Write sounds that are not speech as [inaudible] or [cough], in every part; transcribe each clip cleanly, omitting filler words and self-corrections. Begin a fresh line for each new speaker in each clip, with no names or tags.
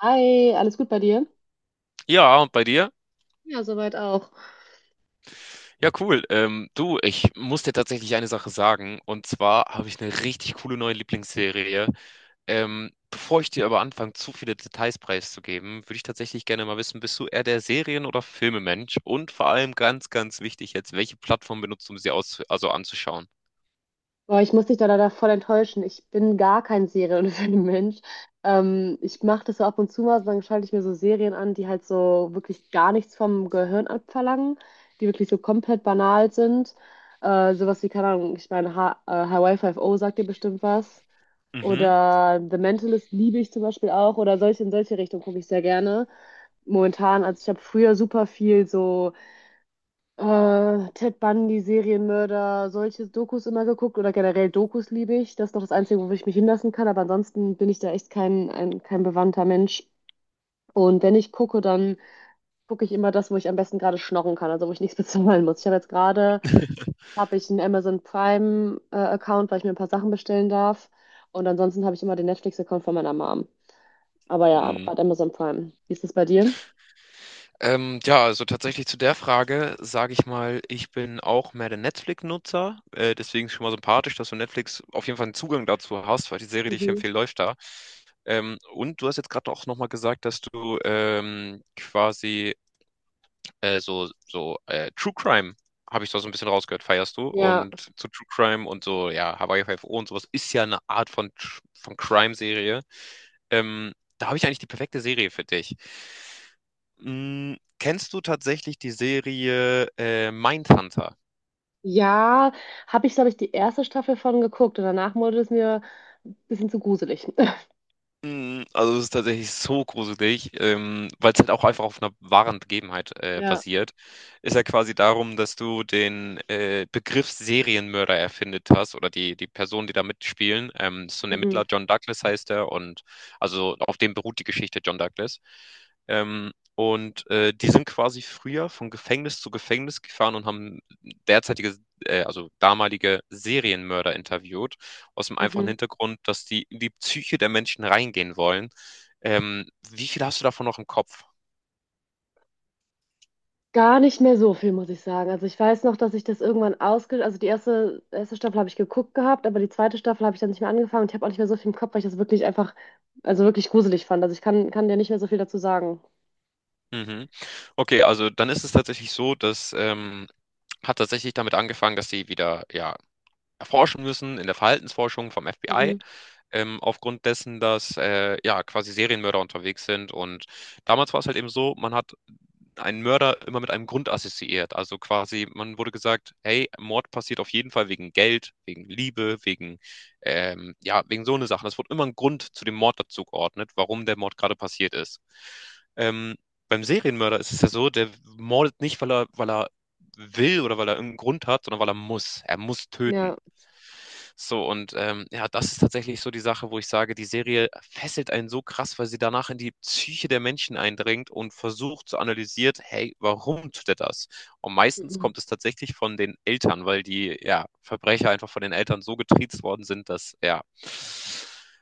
Hi, alles gut bei dir?
Ja, und bei dir?
Ja, soweit auch.
Ja, cool. Du, ich muss dir tatsächlich eine Sache sagen. Und zwar habe ich eine richtig coole neue Lieblingsserie. Bevor ich dir aber anfange, zu viele Details preiszugeben, würde ich tatsächlich gerne mal wissen, bist du eher der Serien- oder Filmemensch? Und vor allem ganz, ganz wichtig jetzt, welche Plattform benutzt du, um sie aus also anzuschauen?
Boah, ich muss dich da leider voll enttäuschen. Ich bin gar kein Serien- oder Filmmensch. [laughs] Ich mache das so ab und zu mal, dann schalte ich mir so Serien an, die halt so wirklich gar nichts vom Gehirn abverlangen, die wirklich so komplett banal sind. Sowas wie, keine Ahnung, ich meine, Hawaii 5.0 sagt dir bestimmt was.
Mhm.
Oder The Mentalist liebe ich zum Beispiel auch. Oder solche in solche Richtung gucke ich sehr gerne. Momentan, also ich habe früher super viel so. Ted Bundy, Serienmörder, solche Dokus immer geguckt oder generell Dokus liebe ich. Das ist noch das Einzige, wo ich mich hinlassen kann, aber ansonsten bin ich da echt kein, ein, kein bewandter Mensch. Und wenn ich gucke, dann gucke ich immer das, wo ich am besten gerade schnorren kann, also wo ich nichts [laughs] bezahlen muss. Ich habe jetzt gerade,
[laughs]
habe ich einen Amazon Prime Account, weil ich mir ein paar Sachen bestellen darf. Und ansonsten habe ich immer den Netflix-Account von meiner Mom. Aber ja, gerade Amazon Prime. Wie ist das bei dir?
Ja, also tatsächlich zu der Frage sage ich mal, ich bin auch mehr der Netflix-Nutzer. Deswegen ist schon mal sympathisch, dass du Netflix auf jeden Fall einen Zugang dazu hast, weil die Serie, die ich
Mhm.
empfehle, läuft da. Und du hast jetzt gerade auch nochmal gesagt, dass du quasi so True Crime, habe ich da so ein bisschen rausgehört, feierst du.
Ja,
Und zu True Crime und so, ja, Hawaii Five o und sowas ist ja eine Art von Crime-Serie. Da habe ich eigentlich die perfekte Serie für dich. Kennst du tatsächlich die Serie Mindhunter?
ja, habe ich, glaube ich, die erste Staffel von geguckt und danach wurde es mir ein bisschen zu gruselig. [laughs]
Also es ist tatsächlich so gruselig, weil es halt auch einfach auf einer wahren Begebenheit
Ja.
basiert. Ist ja quasi darum, dass du den Begriff Serienmörder erfindet hast oder die Personen, die da mitspielen. Das ist so ein
Mhm.
Ermittler, John Douglas heißt er, und also auf dem beruht die Geschichte John Douglas. Und die sind quasi früher von Gefängnis zu Gefängnis gefahren und haben derzeitige, also damalige Serienmörder interviewt aus dem einfachen
Mhm.
Hintergrund, dass die in die Psyche der Menschen reingehen wollen. Wie viel hast du davon noch im Kopf?
Gar nicht mehr so viel, muss ich sagen. Also ich weiß noch, dass ich das irgendwann ausge... Also die erste Staffel habe ich geguckt gehabt, aber die zweite Staffel habe ich dann nicht mehr angefangen und ich habe auch nicht mehr so viel im Kopf, weil ich das wirklich einfach, also wirklich gruselig fand. Also ich kann dir nicht mehr so viel dazu sagen.
Mhm. Okay, also dann ist es tatsächlich so, dass hat tatsächlich damit angefangen, dass sie wieder ja erforschen müssen in der Verhaltensforschung vom FBI,
Mhm.
aufgrund dessen, dass ja quasi Serienmörder unterwegs sind. Und damals war es halt eben so, man hat einen Mörder immer mit einem Grund assoziiert. Also quasi, man wurde gesagt, hey, Mord passiert auf jeden Fall wegen Geld, wegen Liebe, wegen, ja, wegen so eine Sache. Es wurde immer ein Grund zu dem Mord dazu geordnet, warum der Mord gerade passiert ist. Ähm, Beim Serienmörder ist es ja so, der mordet nicht, weil er will oder weil er irgendeinen Grund hat, sondern weil er muss. Er muss töten.
Ja.
So, und ja, das ist tatsächlich so die Sache, wo ich sage, die Serie fesselt einen so krass, weil sie danach in die Psyche der Menschen eindringt und versucht zu analysieren, hey, warum tut er das? Und meistens
Mhm.
kommt es tatsächlich von den Eltern, weil die ja, Verbrecher einfach von den Eltern so getriezt worden sind, dass ja,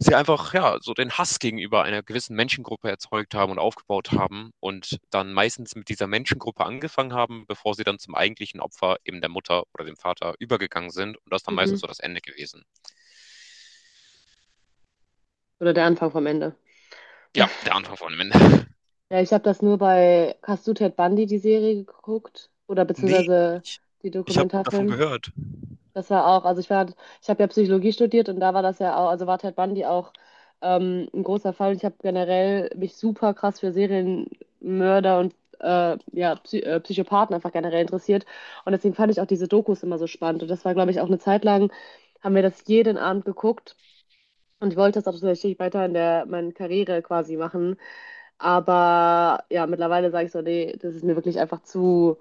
sie einfach ja so den Hass gegenüber einer gewissen Menschengruppe erzeugt haben und aufgebaut haben und dann meistens mit dieser Menschengruppe angefangen haben, bevor sie dann zum eigentlichen Opfer eben der Mutter oder dem Vater übergegangen sind und das ist dann
Mhm.
meistens so das Ende gewesen.
Oder der Anfang vom Ende.
Ja, der Anfang von dem Ende. [laughs]
Ja, ich habe das nur bei Hast du Ted Bundy die Serie geguckt oder
Nee,
beziehungsweise
ich,
die
ich habe davon
Dokumentarfilm.
gehört.
Das war auch, also ich war, ich habe ja Psychologie studiert und da war das ja auch, also war Ted Bundy auch ein großer Fall. Und ich habe generell mich super krass für Serienmörder und ja, Psychopathen einfach generell interessiert. Und deswegen fand ich auch diese Dokus immer so spannend. Und das war, glaube ich, auch eine Zeit lang, haben wir das jeden Abend geguckt. Und ich wollte das auch tatsächlich weiter in der meiner Karriere quasi machen. Aber ja, mittlerweile sage ich so, nee, das ist mir wirklich einfach zu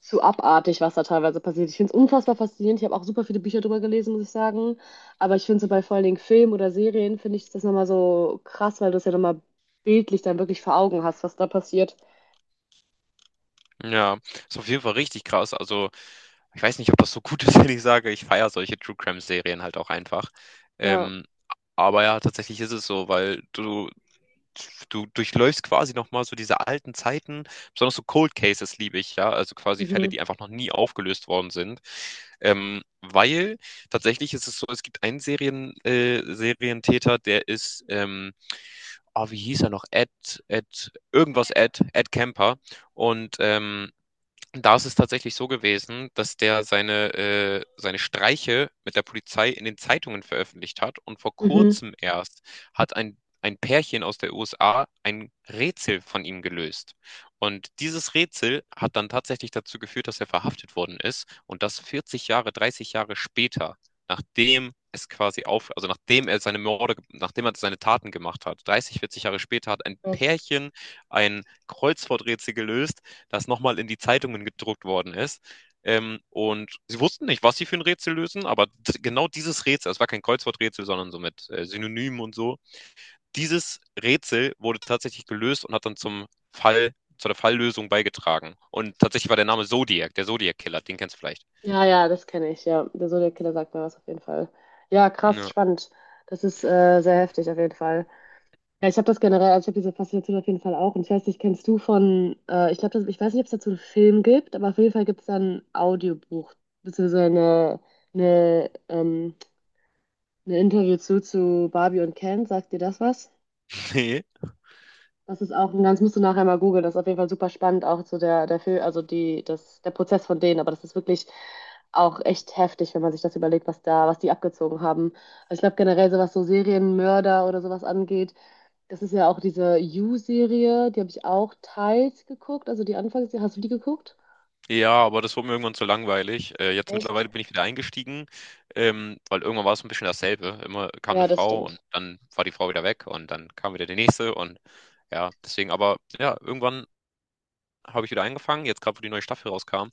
zu abartig, was da teilweise passiert. Ich finde es unfassbar faszinierend. Ich habe auch super viele Bücher drüber gelesen, muss ich sagen. Aber ich finde so bei vor allen Dingen Film oder Serien, finde ich das nochmal so krass, weil du es ja nochmal bildlich dann wirklich vor Augen hast, was da passiert.
Ja, ist auf jeden Fall richtig krass. Also ich weiß nicht, ob das so gut ist, [laughs] wenn ich sage, ich feiere solche True Crime Serien halt auch einfach.
Ja.
Ähm, aber ja, tatsächlich ist es so, weil du durchläufst quasi nochmal so diese alten Zeiten, besonders so Cold Cases liebe ich, ja, also quasi Fälle,
Mhm.
die einfach noch nie aufgelöst worden sind. Weil tatsächlich ist es so, es gibt einen Serientäter, der ist, wie hieß er noch? Ed, irgendwas Ed, Ed Kemper. Und da ist es tatsächlich so gewesen, dass der seine Streiche mit der Polizei in den Zeitungen veröffentlicht hat, und vor
Mhm.
kurzem erst hat ein Pärchen aus der USA ein Rätsel von ihm gelöst. Und dieses Rätsel hat dann tatsächlich dazu geführt, dass er verhaftet worden ist, und das 40 Jahre, 30 Jahre später, nachdem es quasi auf, also nachdem er seine Morde, nachdem er seine Taten gemacht hat, 30, 40 Jahre später hat ein
Das,
Pärchen ein Kreuzworträtsel gelöst, das nochmal in die Zeitungen gedruckt worden ist. Und sie wussten nicht, was sie für ein Rätsel lösen, aber genau dieses Rätsel, es war kein Kreuzworträtsel, sondern so mit Synonymen und so, dieses Rätsel wurde tatsächlich gelöst und hat dann zum Fall, zu der Falllösung beigetragen. Und tatsächlich war der Name Zodiac, der Zodiac-Killer, den kennst du vielleicht.
ja, ja, das kenne ich. Ja, der so der Killer sagt mir was auf jeden Fall. Ja, krass,
Ja.
spannend. Das ist sehr heftig auf jeden Fall. Ja, ich habe das generell, also ich habe diese Faszination auf jeden Fall auch. Und ich weiß nicht, kennst du von, ich glaube, ich weiß nicht, ob es dazu einen Film gibt, aber auf jeden Fall gibt es da ein Audiobuch, beziehungsweise eine, ähm, eine Interview zu Barbie und Ken. Sagt dir das was?
[laughs] Nee.
Das ist auch ein ganz, musst du nachher mal googeln, das ist auf jeden Fall super spannend, auch zu der, der Film, also die, das, der Prozess von denen. Aber das ist wirklich auch echt heftig, wenn man sich das überlegt, was da, was die abgezogen haben. Also ich glaube generell, so was so Serienmörder oder sowas angeht, das ist ja auch diese You-Serie, die habe ich auch teils geguckt, also die Anfangsserie. Hast du die geguckt?
Ja, aber das wurde mir irgendwann zu langweilig. Jetzt
Echt?
mittlerweile bin ich wieder eingestiegen, weil irgendwann war es ein bisschen dasselbe. Immer kam eine
Ja, das
Frau und
stimmt.
dann war die Frau wieder weg und dann kam wieder die nächste und ja, deswegen, aber ja, irgendwann habe ich wieder angefangen, jetzt gerade, wo die neue Staffel rauskam.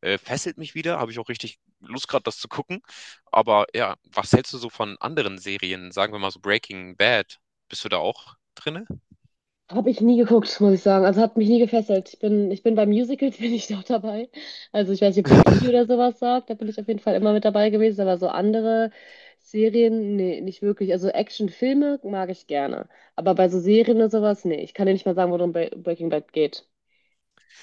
Fesselt mich wieder, habe ich auch richtig Lust gerade, das zu gucken. Aber ja, was hältst du so von anderen Serien? Sagen wir mal so Breaking Bad. Bist du da auch drinne?
Habe ich nie geguckt, [laughs] muss ich sagen. Also hat mich nie gefesselt. Ich bin bei Musicals, [laughs] bin ich noch dabei. Also ich weiß nicht, ob dir Glee
[laughs]
oder sowas sagt. Da bin ich auf jeden Fall immer mit dabei gewesen. Aber so andere Serien, nee, nicht wirklich. Also Actionfilme mag ich gerne. Aber bei so Serien oder sowas, nee. Ich kann dir nicht mal sagen, worum Breaking Bad geht.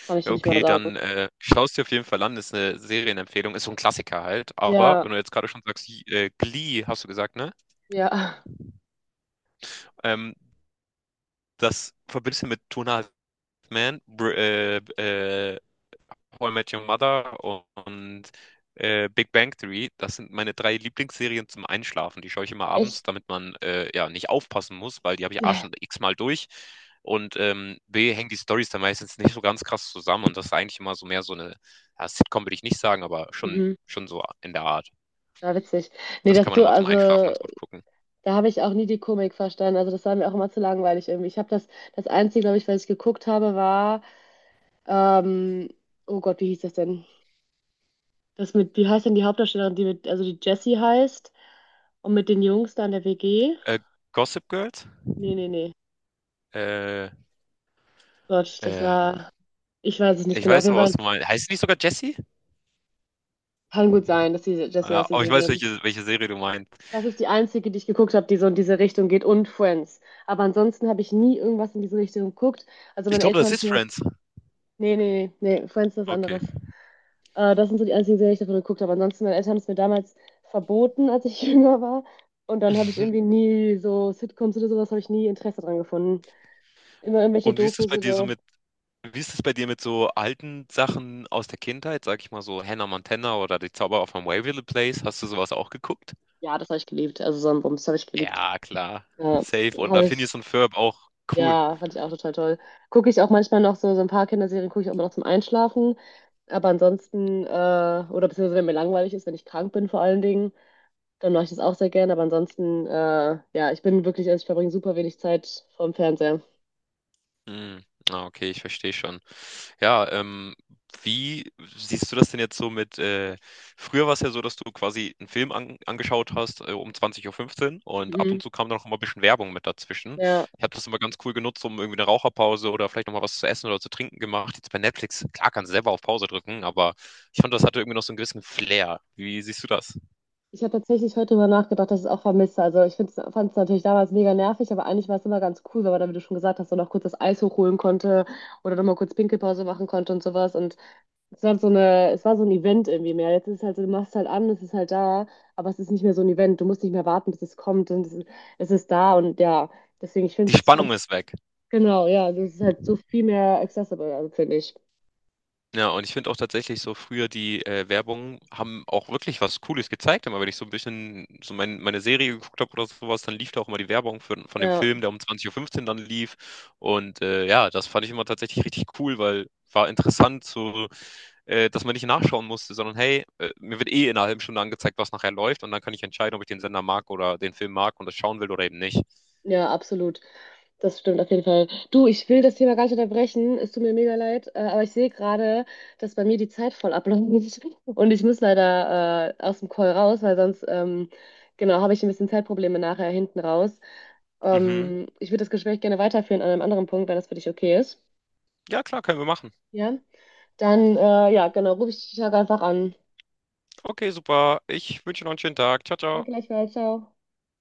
Kann ich dir nicht mal
Okay,
sagen.
dann schaust dir auf jeden Fall an. Ist eine Serienempfehlung, ist so ein Klassiker halt. Aber
Ja,
wenn du jetzt gerade schon sagst, Glee, hast du gesagt, ne?
ja.
Ähm, Das verbindest du mit Two and a Half Men, Br How I Met Your Mother und Big Bang Theory. Das sind meine drei Lieblingsserien zum Einschlafen. Die schaue ich immer abends,
Echt?
damit man ja nicht aufpassen muss, weil die habe ich A schon
[laughs]
x-mal durch. Und B hängen die Storys dann meistens nicht so ganz krass zusammen. Und das ist eigentlich immer so mehr so eine, ja, Sitcom würde ich nicht sagen, aber schon,
Mhm.
schon so in der Art.
Ja, witzig. Nee,
Das
dass
kann man
du,
immer zum Einschlafen
also,
ganz gut gucken.
da habe ich auch nie die Komik verstanden. Also, das war mir auch immer zu langweilig irgendwie. Ich habe das, das Einzige, glaube ich, was ich geguckt habe, war, ähm, oh Gott, wie hieß das denn? Das mit, wie heißt denn die Hauptdarstellerin, die mit, also die Jessie heißt und mit den Jungs da in der WG?
Äh, Gossip Girls?
Nee, nee, nee.
Äh,
Gott, das
ähm,
war, ich weiß es nicht
Ich
genau. Auf
weiß
jeden
aber, was
Fall
du meinst. Heißt sie nicht sogar Jessie?
kann gut sein, dass die Jessie
Ja,
heißt, die
aber ich weiß,
Serie.
welche Serie du meinst.
Das ist die einzige, die ich geguckt habe, die so in diese Richtung geht und Friends. Aber ansonsten habe ich nie irgendwas in diese Richtung geguckt. Also
Ich
meine
glaube,
Eltern
das
haben es
ist
mir
Friends.
nee, nee, nee, nee, Friends ist was
Okay.
anderes. Das sind so die einzigen Serien, die ich davon geguckt habe. Ansonsten, meine Eltern haben es mir damals verboten, als ich [laughs] jünger war. Und dann habe ich
Mhm.
irgendwie nie so Sitcoms oder sowas, habe ich nie Interesse dran gefunden. Immer irgendwelche
Und
Dokus oder.
wie ist es bei dir mit so alten Sachen aus der Kindheit, sage ich mal so Hannah Montana oder Die Zauberer von Waverly Place? Hast du sowas auch geguckt?
Ja, das habe ich geliebt. Also Sonnenblumenbums habe ich geliebt.
Ja, klar.
Ja,
Safe. Oder
habe ich.
Phineas und Ferb auch cool.
Ja, fand ich auch total toll. Gucke ich auch manchmal noch so, so ein paar Kinderserien, gucke ich auch immer noch zum Einschlafen. Aber ansonsten, oder beziehungsweise wenn mir langweilig ist, wenn ich krank bin vor allen Dingen. Dann mache ich das auch sehr gerne, aber ansonsten, ja, ich bin wirklich, also ich verbringe super wenig Zeit vorm Fernseher.
Mm, okay, ich verstehe schon. Ja, wie siehst du das denn jetzt so mit, früher war es ja so, dass du quasi einen Film angeschaut hast, um 20:15 Uhr und ab
Mhm.
und zu kam dann auch immer ein bisschen Werbung mit dazwischen.
Ja,
Ich habe das immer ganz cool genutzt, um irgendwie eine Raucherpause oder vielleicht nochmal was zu essen oder zu trinken gemacht. Jetzt bei Netflix, klar, kannst du selber auf Pause drücken, aber ich fand, das hatte irgendwie noch so einen gewissen Flair. Wie siehst du das?
ich habe tatsächlich heute darüber nachgedacht, dass ich es auch vermisse. Also ich fand es natürlich damals mega nervig, aber eigentlich war es immer ganz cool, weil man, da, wie du schon gesagt hast, so noch kurz das Eis hochholen konnte oder nochmal kurz Pinkelpause machen konnte und sowas. Und es war so eine, es war so ein Event irgendwie mehr. Jetzt ist es halt so, du machst halt an, es ist halt da, aber es ist nicht mehr so ein Event. Du musst nicht mehr warten, bis es kommt und es ist da und ja, deswegen, ich finde
Die
es
Spannung ist weg.
genau, ja, das ist halt so viel mehr accessible, also finde ich.
Ja, und ich finde auch tatsächlich so früher die Werbung haben auch wirklich was Cooles gezeigt. Immer wenn ich so ein bisschen so meine Serie geguckt habe oder sowas, dann lief da auch immer die Werbung für, von dem
Ja,
Film, der um 20:15 Uhr fünfzehn dann lief. Und ja, das fand ich immer tatsächlich richtig cool, weil war interessant, so, dass man nicht nachschauen musste, sondern hey, mir wird eh in einer halben Stunde angezeigt, was nachher läuft. Und dann kann ich entscheiden, ob ich den Sender mag oder den Film mag und das schauen will oder eben nicht.
ja, absolut. Das stimmt auf jeden Fall. Du, ich will das Thema gar nicht unterbrechen. Es tut mir mega leid, aber ich sehe gerade, dass bei mir die Zeit voll abläuft [laughs] und ich muss leider aus dem Call raus, weil sonst, genau, habe ich ein bisschen Zeitprobleme nachher hinten raus.
Mhm.
Ich würde das Gespräch gerne weiterführen an einem anderen Punkt, wenn das für dich okay ist.
Ja, klar, können wir machen.
Ja, dann, ja, genau, rufe ich dich einfach an.
Okay, super. Ich wünsche noch einen schönen Tag. Ciao, ciao.
Danke gleichfalls, ciao.